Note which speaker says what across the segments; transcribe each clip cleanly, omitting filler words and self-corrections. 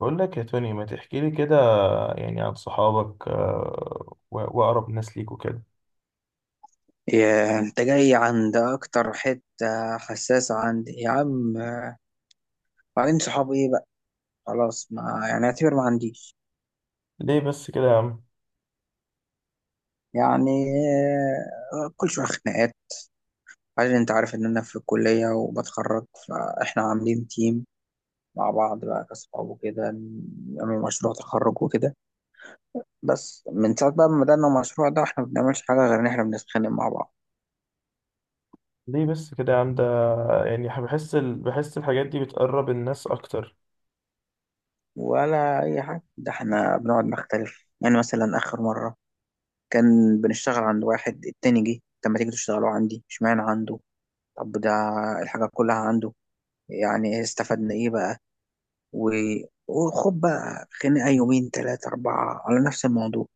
Speaker 1: بقول لك يا توني، ما تحكي لي كده يعني عن صحابك، وأقرب ناس ليك وكده.
Speaker 2: يا انت جاي عند اكتر حتة حساسة عندي يا عم. بعدين، صحابي ايه بقى؟ خلاص، ما يعني اعتبر ما عنديش.
Speaker 1: ليه بس كده يا عم؟
Speaker 2: يعني، كل شوية خناقات. بعدين انت عارف ان انا في الكلية وبتخرج، فاحنا عاملين تيم مع بعض بقى كصحاب وكده، نعمل مشروع تخرج وكده. بس من ساعة بقى ما بدأنا المشروع ده، احنا ما بنعملش حاجة غير ان احنا بنتخانق مع بعض
Speaker 1: ليه بس كده يا عم ده؟ يعني بحس بحس الحاجات دي بتقرب الناس أكتر.
Speaker 2: ولا اي حاجة. ده احنا بنقعد نختلف، يعني مثلا اخر مرة كان بنشتغل عند واحد، التاني جه، طب ما تيجي تشتغلوا عندي؟ اشمعنى عنده؟ طب ده الحاجة كلها عنده، يعني استفدنا ايه بقى؟ و... وخد بقى خناقة يومين 3 4 على نفس الموضوع.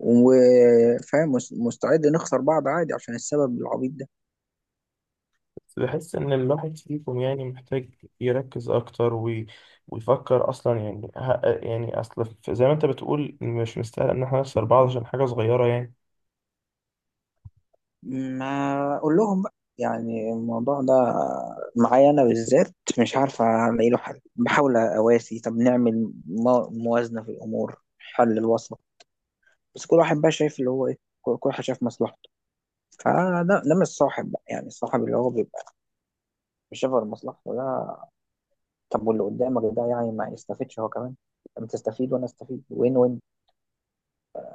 Speaker 2: وفاهم، مستعد نخسر بعض عادي عشان السبب العبيط ده.
Speaker 1: بس بحس إن الواحد فيكم يعني محتاج يركز أكتر، ويفكر أصلا. يعني يعني زي ما أنت بتقول، مش مستاهل إن إحنا نخسر بعض عشان حاجة صغيرة يعني.
Speaker 2: ما أقول لهم بقى، يعني الموضوع ده معايا أنا بالذات، مش عارف ألاقي له حل، بحاول أواسي، طب نعمل موازنة في الأمور، حل الوسط. بس كل واحد بقى شايف اللي هو ايه، كل واحد شايف مصلحته. فده مش صاحب بقى، يعني الصاحب اللي هو بيبقى مش شايف غير مصلحته ده. طب واللي قدامك ده، يعني ما يستفيدش هو كمان؟ انت تستفيد وانا استفيد، وين وين.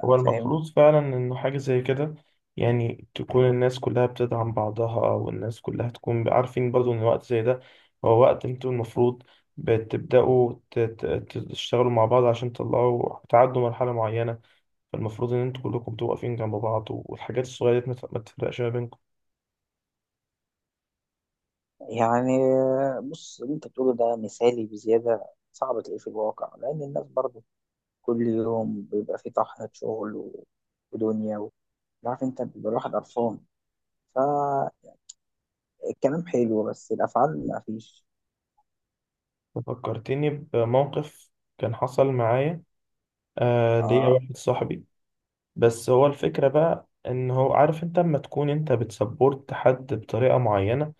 Speaker 1: هو
Speaker 2: فاهم؟
Speaker 1: المفروض فعلا إنه حاجة زي كده، يعني تكون الناس كلها بتدعم بعضها، والناس كلها تكون عارفين برضو إن وقت زي ده هو وقت انتوا المفروض بتبدأوا تشتغلوا مع بعض عشان تطلعوا تعدوا مرحلة معينة. فالمفروض إن انتوا كلكم بتبقوا واقفين جنب بعض، والحاجات الصغيرة دي ما تفرقش ما بينكم.
Speaker 2: يعني بص، اللي انت بتقوله ده مثالي بزياده، صعب تلاقيه في الواقع، لان الناس برضه كل يوم بيبقى في طحنه شغل ودنيا عارف انت، بيبقى الواحد قرفان. فالكلام حلو بس الافعال ما فيش.
Speaker 1: فكرتني بموقف كان حصل معايا. آه، ليا
Speaker 2: اه.
Speaker 1: واحد صاحبي. بس هو الفكرة بقى إن هو عارف، انت لما تكون انت بتسبورت حد بطريقة معينة،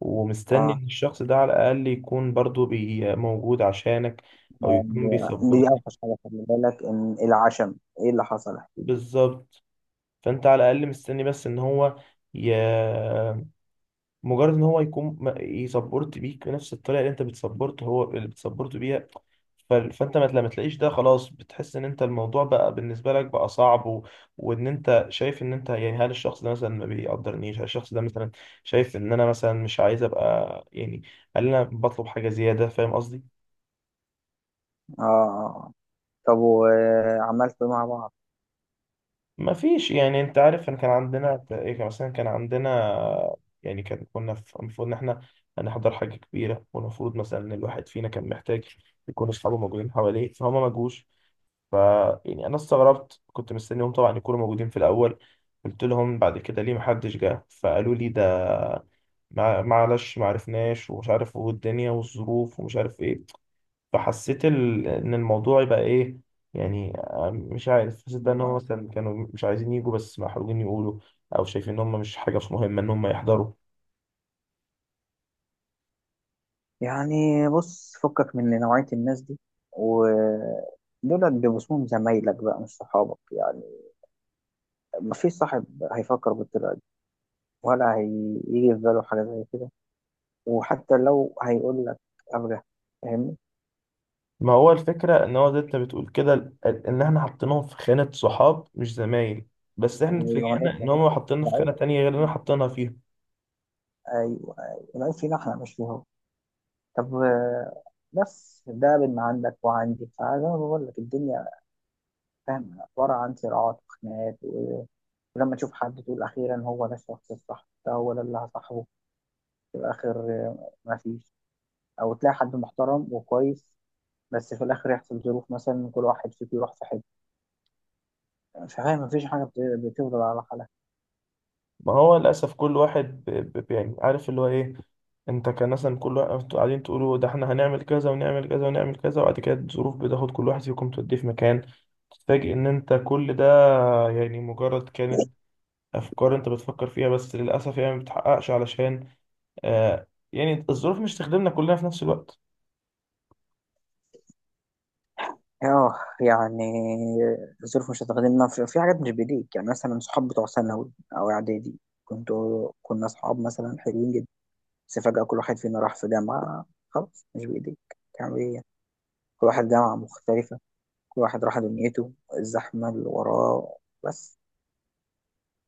Speaker 1: ومستني
Speaker 2: اه.
Speaker 1: ان الشخص ده على الاقل يكون برضو بي موجود عشانك، او
Speaker 2: يعني
Speaker 1: يكون
Speaker 2: دي
Speaker 1: بيسبورت ليك.
Speaker 2: اوحش حاجه، خلي بالك ان العشم. ايه اللي حصل؟ احكي لي.
Speaker 1: بالظبط. فانت على الاقل مستني بس ان هو ي... مجرد ان هو يكون يسبورت بيك بنفس الطريقه اللي انت بتسبورت هو اللي بتسبورت بيها. فانت ما لما تلاقيش ده، خلاص بتحس ان انت الموضوع بقى بالنسبه لك بقى صعب، وان انت شايف ان انت يعني. هل الشخص ده مثلا ما بيقدرنيش؟ هل الشخص ده مثلا شايف ان انا مثلا مش عايز ابقى يعني؟ هل انا بطلب حاجه زياده؟ فاهم قصدي؟
Speaker 2: اه. آه. طب وعملت مع بعض؟
Speaker 1: ما فيش يعني. انت عارف ان كان عندنا ايه؟ كان مثلا كان عندنا، يعني كان المفروض ان احنا هنحضر حاجة كبيرة، والمفروض مثلا ان الواحد فينا كان محتاج يكون اصحابه موجودين حواليه، فهما ما جوش. ف يعني انا استغربت، كنت مستنيهم طبعا يكونوا موجودين في الاول. قلت لهم بعد كده ليه محدش جه، فقالوا لي ده معلش ما عرفناش، ومش عارف، والدنيا والظروف ومش عارف ايه. فحسيت ان الموضوع يبقى ايه يعني. آه، مش عارف، حسيت بقى ان هم
Speaker 2: آه.
Speaker 1: مثلا كانوا مش عايزين يجوا بس محروجين يقولوا، او شايفين ان هم مش حاجه، مش مهمه ان هم يحضروا.
Speaker 2: يعني بص، فكك من نوعيه الناس دي. ودول بيبقوا اسمهم زمايلك بقى، مش صحابك يعني. مفيش صاحب هيفكر بالطريقه دي، ولا هيجي في باله حاجه زي كده. وحتى لو هيقول لك، ابجح. فاهمني؟
Speaker 1: ما هو الفكره ان هو زي انت بتقول كده، ان احنا حاطينهم في خانه صحاب مش زمايل، بس احنا
Speaker 2: ايوه،
Speaker 1: اتفاجئنا ان هم حاطيننا في
Speaker 2: أنا-
Speaker 1: خانه تانية غير اللي احنا حاطينها فيها.
Speaker 2: ايوه، أيوة. العيب فينا احنا مش فيه هو. طب، بس ده بين ما عندك وعندي. فزي ما بقول لك، الدنيا فاهم عبارة عن صراعات وخناقات، ولما تشوف حد تقول أخيرا هو ده الشخص الصح، ده هو ده اللي هصاحبه، في الآخر مفيش. أو تلاقي حد محترم وكويس، بس في الآخر يحصل ظروف، مثلا كل واحد فيك يروح في حتة، فاهم؟ مفيش حاجة بتفضل على حالها.
Speaker 1: ما هو للأسف كل واحد يعني عارف اللي هو إيه. أنت كان مثلا كل واحد أنتوا قاعدين تقولوا، ده إحنا هنعمل كذا ونعمل كذا ونعمل كذا، وبعد كده الظروف بتاخد كل واحد فيكم توديه في مكان. تتفاجئ إن أنت كل ده يعني مجرد كانت أفكار أنت بتفكر فيها، بس للأسف يعني ما بتحققش علشان آه، يعني الظروف مش تخدمنا كلنا في نفس الوقت.
Speaker 2: اه، يعني الظروف مش هتخدمنا في حاجات مش بإيديك، يعني مثلا صحاب بتوع ثانوي أو إعدادي، كنا أصحاب مثلا حلوين جدا، بس فجأة كل واحد فينا راح في جامعة، خلاص مش بإيديك. تعمل إيه يعني؟ كل واحد جامعة مختلفة، كل واحد راح دنيته، الزحمة اللي وراه. بس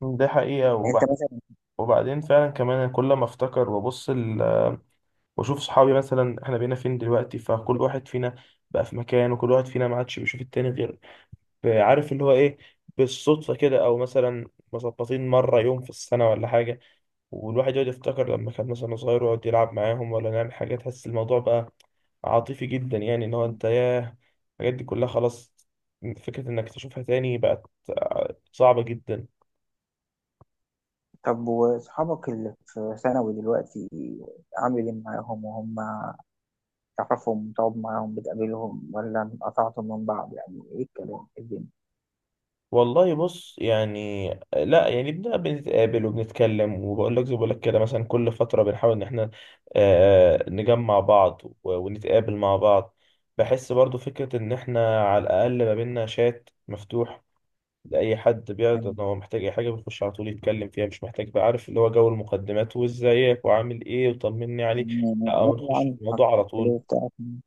Speaker 1: ده حقيقة. وبعد،
Speaker 2: أنت مثلا،
Speaker 1: وبعدين فعلا كمان، أنا كل ما افتكر وابص واشوف صحابي مثلا احنا بقينا فين دلوقتي، فكل واحد فينا بقى في مكان، وكل واحد فينا ما عادش بيشوف التاني غير، عارف اللي هو ايه، بالصدفة كده، او مثلا مظبطين مرة يوم في السنة ولا حاجة. والواحد يقعد يفتكر لما كان مثلا صغير ويقعد يلعب معاهم ولا نعمل حاجة، تحس الموضوع بقى عاطفي جدا. يعني ان هو انت ياه، الحاجات دي كلها خلاص فكرة انك تشوفها تاني بقت صعبة جدا.
Speaker 2: طب وأصحابك اللي في ثانوي دلوقتي، عامل إيه معاهم؟ وهم تعرفهم، تقعد معاهم، بتقابلهم، ولا انقطعتم من بعض؟ يعني إيه الكلام، إيه الدنيا؟
Speaker 1: والله بص يعني آه، لا يعني بنبقى بنتقابل وبنتكلم، وبقول لك زي بقول لك كده، مثلا كل فترة بنحاول ان احنا آه، نجمع بعض ونتقابل مع بعض. بحس برضو فكرة ان احنا على الاقل ما بينا شات مفتوح، لأي حد بيعرض ان
Speaker 2: من-
Speaker 1: هو محتاج اي حاجة بيخش على طول يتكلم فيها، مش محتاج بقى عارف اللي هو جو المقدمات وازيك وعامل ايه وطمني عليك، لا، بنخش في
Speaker 2: يعني
Speaker 1: الموضوع على
Speaker 2: عارفين
Speaker 1: طول.
Speaker 2: الكلية بتاعتهم.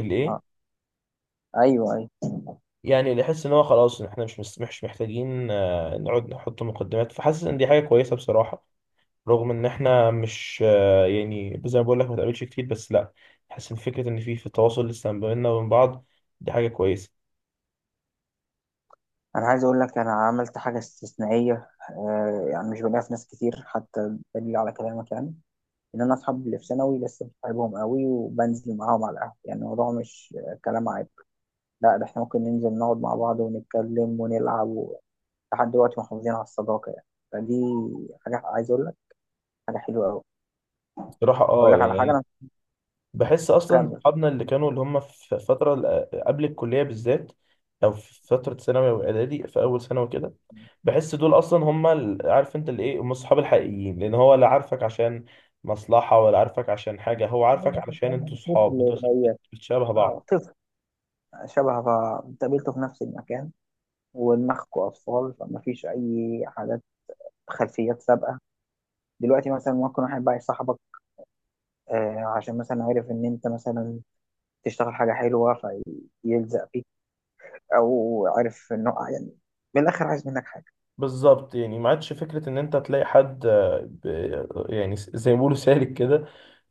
Speaker 1: الايه؟
Speaker 2: آه. أيوه، أيوه.
Speaker 1: يعني نحس ان هو خلاص إن احنا مش محتاجين آه، نقعد نحط مقدمات، فحاسس ان دي حاجه كويسه بصراحه. رغم ان احنا مش آه، يعني زي ما بقول لك ما تقابلش كتير، بس لا، حاسس ان فكره ان في تواصل لسه ما بيننا وبين بعض، دي حاجه كويسه.
Speaker 2: انا عايز اقول لك، انا عملت حاجه استثنائيه، يعني مش بلاقيها في ناس كتير، حتى دليل على كلامك. يعني ان انا اصحاب اللي في ثانوي لسه بحبهم قوي، وبنزل معاهم على القهوه. يعني الموضوع مش كلام عيب، لا، ده احنا ممكن ننزل نقعد مع بعض ونتكلم ونلعب لحد دلوقتي محافظين على الصداقه يعني. فدي حاجه عايز اقول لك، حاجه حلوه قوي.
Speaker 1: بصراحه
Speaker 2: اقول
Speaker 1: اه
Speaker 2: لك على حاجه،
Speaker 1: يعني
Speaker 2: انا
Speaker 1: بحس اصلا
Speaker 2: مكمل.
Speaker 1: صحابنا اللي كانوا اللي هم في فتره قبل الكليه بالذات، او في فتره ثانوي واعدادي في اول سنه وكده، بحس دول اصلا هم عارف انت اللي ايه، هم الصحاب الحقيقيين، لان هو لا عارفك عشان مصلحة، ولا عارفك عشان حاجة، هو عارفك علشان انتوا
Speaker 2: طفل زيك.
Speaker 1: بتشابه
Speaker 2: اه،
Speaker 1: بعض.
Speaker 2: طفل شبه، قابلته في نفس المكان، ودماغكم اطفال، فما فيش اي حاجات خلفيات سابقه. دلوقتي مثلا ممكن واحد بقى يصاحبك، عشان مثلا عارف ان انت مثلا تشتغل حاجه حلوه فيلزق فيك، او عارف انه يعني، من الاخر، عايز منك حاجه.
Speaker 1: بالظبط. يعني ما عادش فكرة إن أنت تلاقي حد آه، يعني زي ما بيقولوا سالك كده.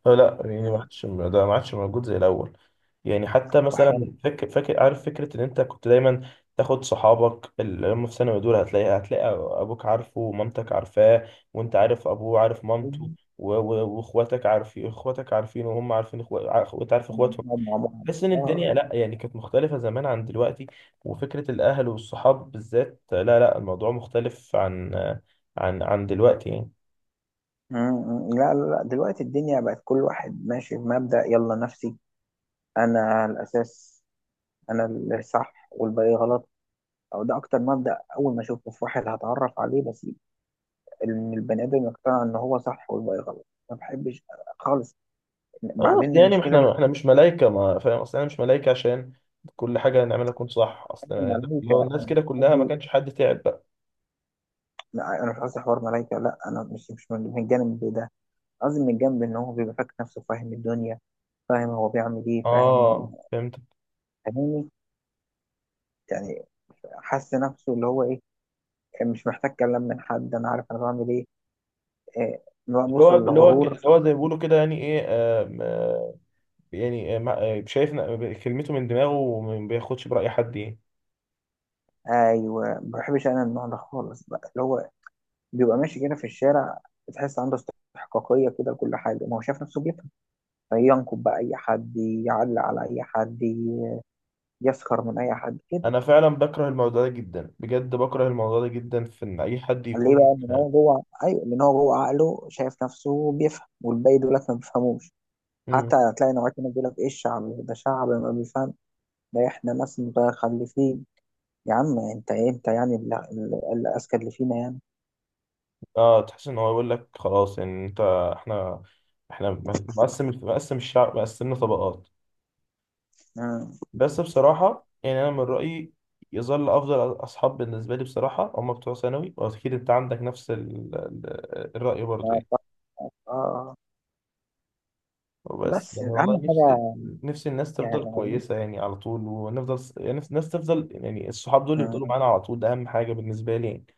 Speaker 1: فلا يعني ما
Speaker 2: آه،
Speaker 1: عادش ده، ما عادش موجود زي الأول. يعني حتى
Speaker 2: وحوار
Speaker 1: مثلا فاكر، عارف فكرة إن أنت كنت دايما تاخد صحابك اللي هم في ثانوي دول، هتلاقي أبوك عارفه ومامتك عارفاه، وأنت عارف أبوه عارف مامته،
Speaker 2: التعليم،
Speaker 1: وإخواتك عارفين، إخواتك وهم عارفين إخواتك، وأنت عارف
Speaker 2: لما
Speaker 1: إخواتهم.
Speaker 2: بنقعد مع بعض.
Speaker 1: تحس ان الدنيا
Speaker 2: اه.
Speaker 1: لا يعني كانت مختلفة زمان عن دلوقتي، وفكرة الاهل والصحاب بالذات، لا لا، الموضوع مختلف عن عن دلوقتي يعني.
Speaker 2: م- م. لا، لا، لا. دلوقتي الدنيا بقت كل واحد ماشي بمبدأ يلا نفسي، انا الاساس، انا اللي صح والباقي غلط. او ده اكتر مبدأ اول ما اشوفه في واحد هتعرف عليه، بس ان البني ادم يقتنع ان هو صح والباقي غلط، ما بحبش خالص.
Speaker 1: اه أصل
Speaker 2: بعدين
Speaker 1: يعني
Speaker 2: المشكله مش،
Speaker 1: احنا مش ملايكة، ما فاهم اصل انا مش ملايكة عشان كل حاجة نعملها تكون صح.
Speaker 2: قصدي
Speaker 1: اصل لو
Speaker 2: الملايكه،
Speaker 1: الناس كده كلها ما
Speaker 2: قصدي
Speaker 1: كانش حد تعب بقى.
Speaker 2: لا، انا مش قصدي حوار ملايكه، لا انا مش من الجانب ده. قصدي من الجانب ان هو بيبقى فاكر نفسه فاهم الدنيا، فاهم هو بيعمل ايه، فاهم،
Speaker 1: اه فهمت.
Speaker 2: فاهمني؟ يعني حس نفسه اللي هو ايه مش محتاج كلام من حد، انا عارف انا بعمل ايه، آه، بقى بوصل لغرور.
Speaker 1: اللي هو زي ما بيقولوا كده يعني ايه، آم، آه، يعني آه، شايف كلمته من دماغه وما بياخدش برأي حد يعني.
Speaker 2: ايوه، ما بحبش انا النوع ده خالص، بقى اللي هو بيبقى ماشي كده في الشارع، بتحس عنده استحقاقيه كده لكل حاجه، ما هو شايف نفسه بيفهم، فينكب بقى اي حد، يعلق على اي حد، يسخر من اي حد كده.
Speaker 1: انا فعلا بكره الموضوع ده جدا، بجد بكره الموضوع ده جدا، في ان اي حد
Speaker 2: ليه
Speaker 1: يكون
Speaker 2: بقى؟ ان هو جوه، ايوه لان هو جوه عقله شايف نفسه بيفهم والباقي دول لك ما بيفهموش.
Speaker 1: مم.
Speaker 2: حتى هتلاقي نوعية هنا بيقول لك ايه، الشعب ده شعب ما بيفهم، ده احنا ناس متخلفين. يا عم، انت ايه؟ انت يعني الاذكى اللي فينا يعني؟
Speaker 1: اه تحس ان هو يقول لك خلاص يعني انت، احنا احنا مقسم الشعب، مقسمنا طبقات.
Speaker 2: آه.
Speaker 1: بس بصراحه يعني انا من رايي يظل افضل اصحاب بالنسبه لي بصراحه هم بتوع ثانوي، واكيد انت عندك نفس الراي برضه يعني.
Speaker 2: ف- آه.
Speaker 1: وبس
Speaker 2: بس
Speaker 1: يعني والله،
Speaker 2: اهم حاجه،
Speaker 1: نفسي الناس
Speaker 2: يعني
Speaker 1: تفضل
Speaker 2: عايزين
Speaker 1: كويسه يعني على طول، ونفضل يعني الناس تفضل يعني الصحاب دول يفضلوا
Speaker 2: آه.
Speaker 1: معانا على طول، ده اهم حاجه بالنسبه لي يعني.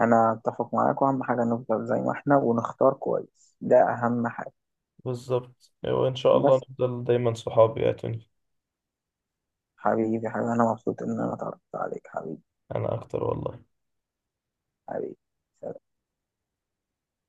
Speaker 2: انا اتفق معاك، واهم حاجه نفضل زي ما احنا ونختار كويس، ده اهم حاجه.
Speaker 1: بالظبط، وإن شاء الله
Speaker 2: بس
Speaker 1: نفضل دايما صحاب يا توني.
Speaker 2: حبيبي، حبيبي، انا مبسوط ان انا اتعرفت عليك، حبيبي،
Speaker 1: أنا أكتر والله.
Speaker 2: حبيبي.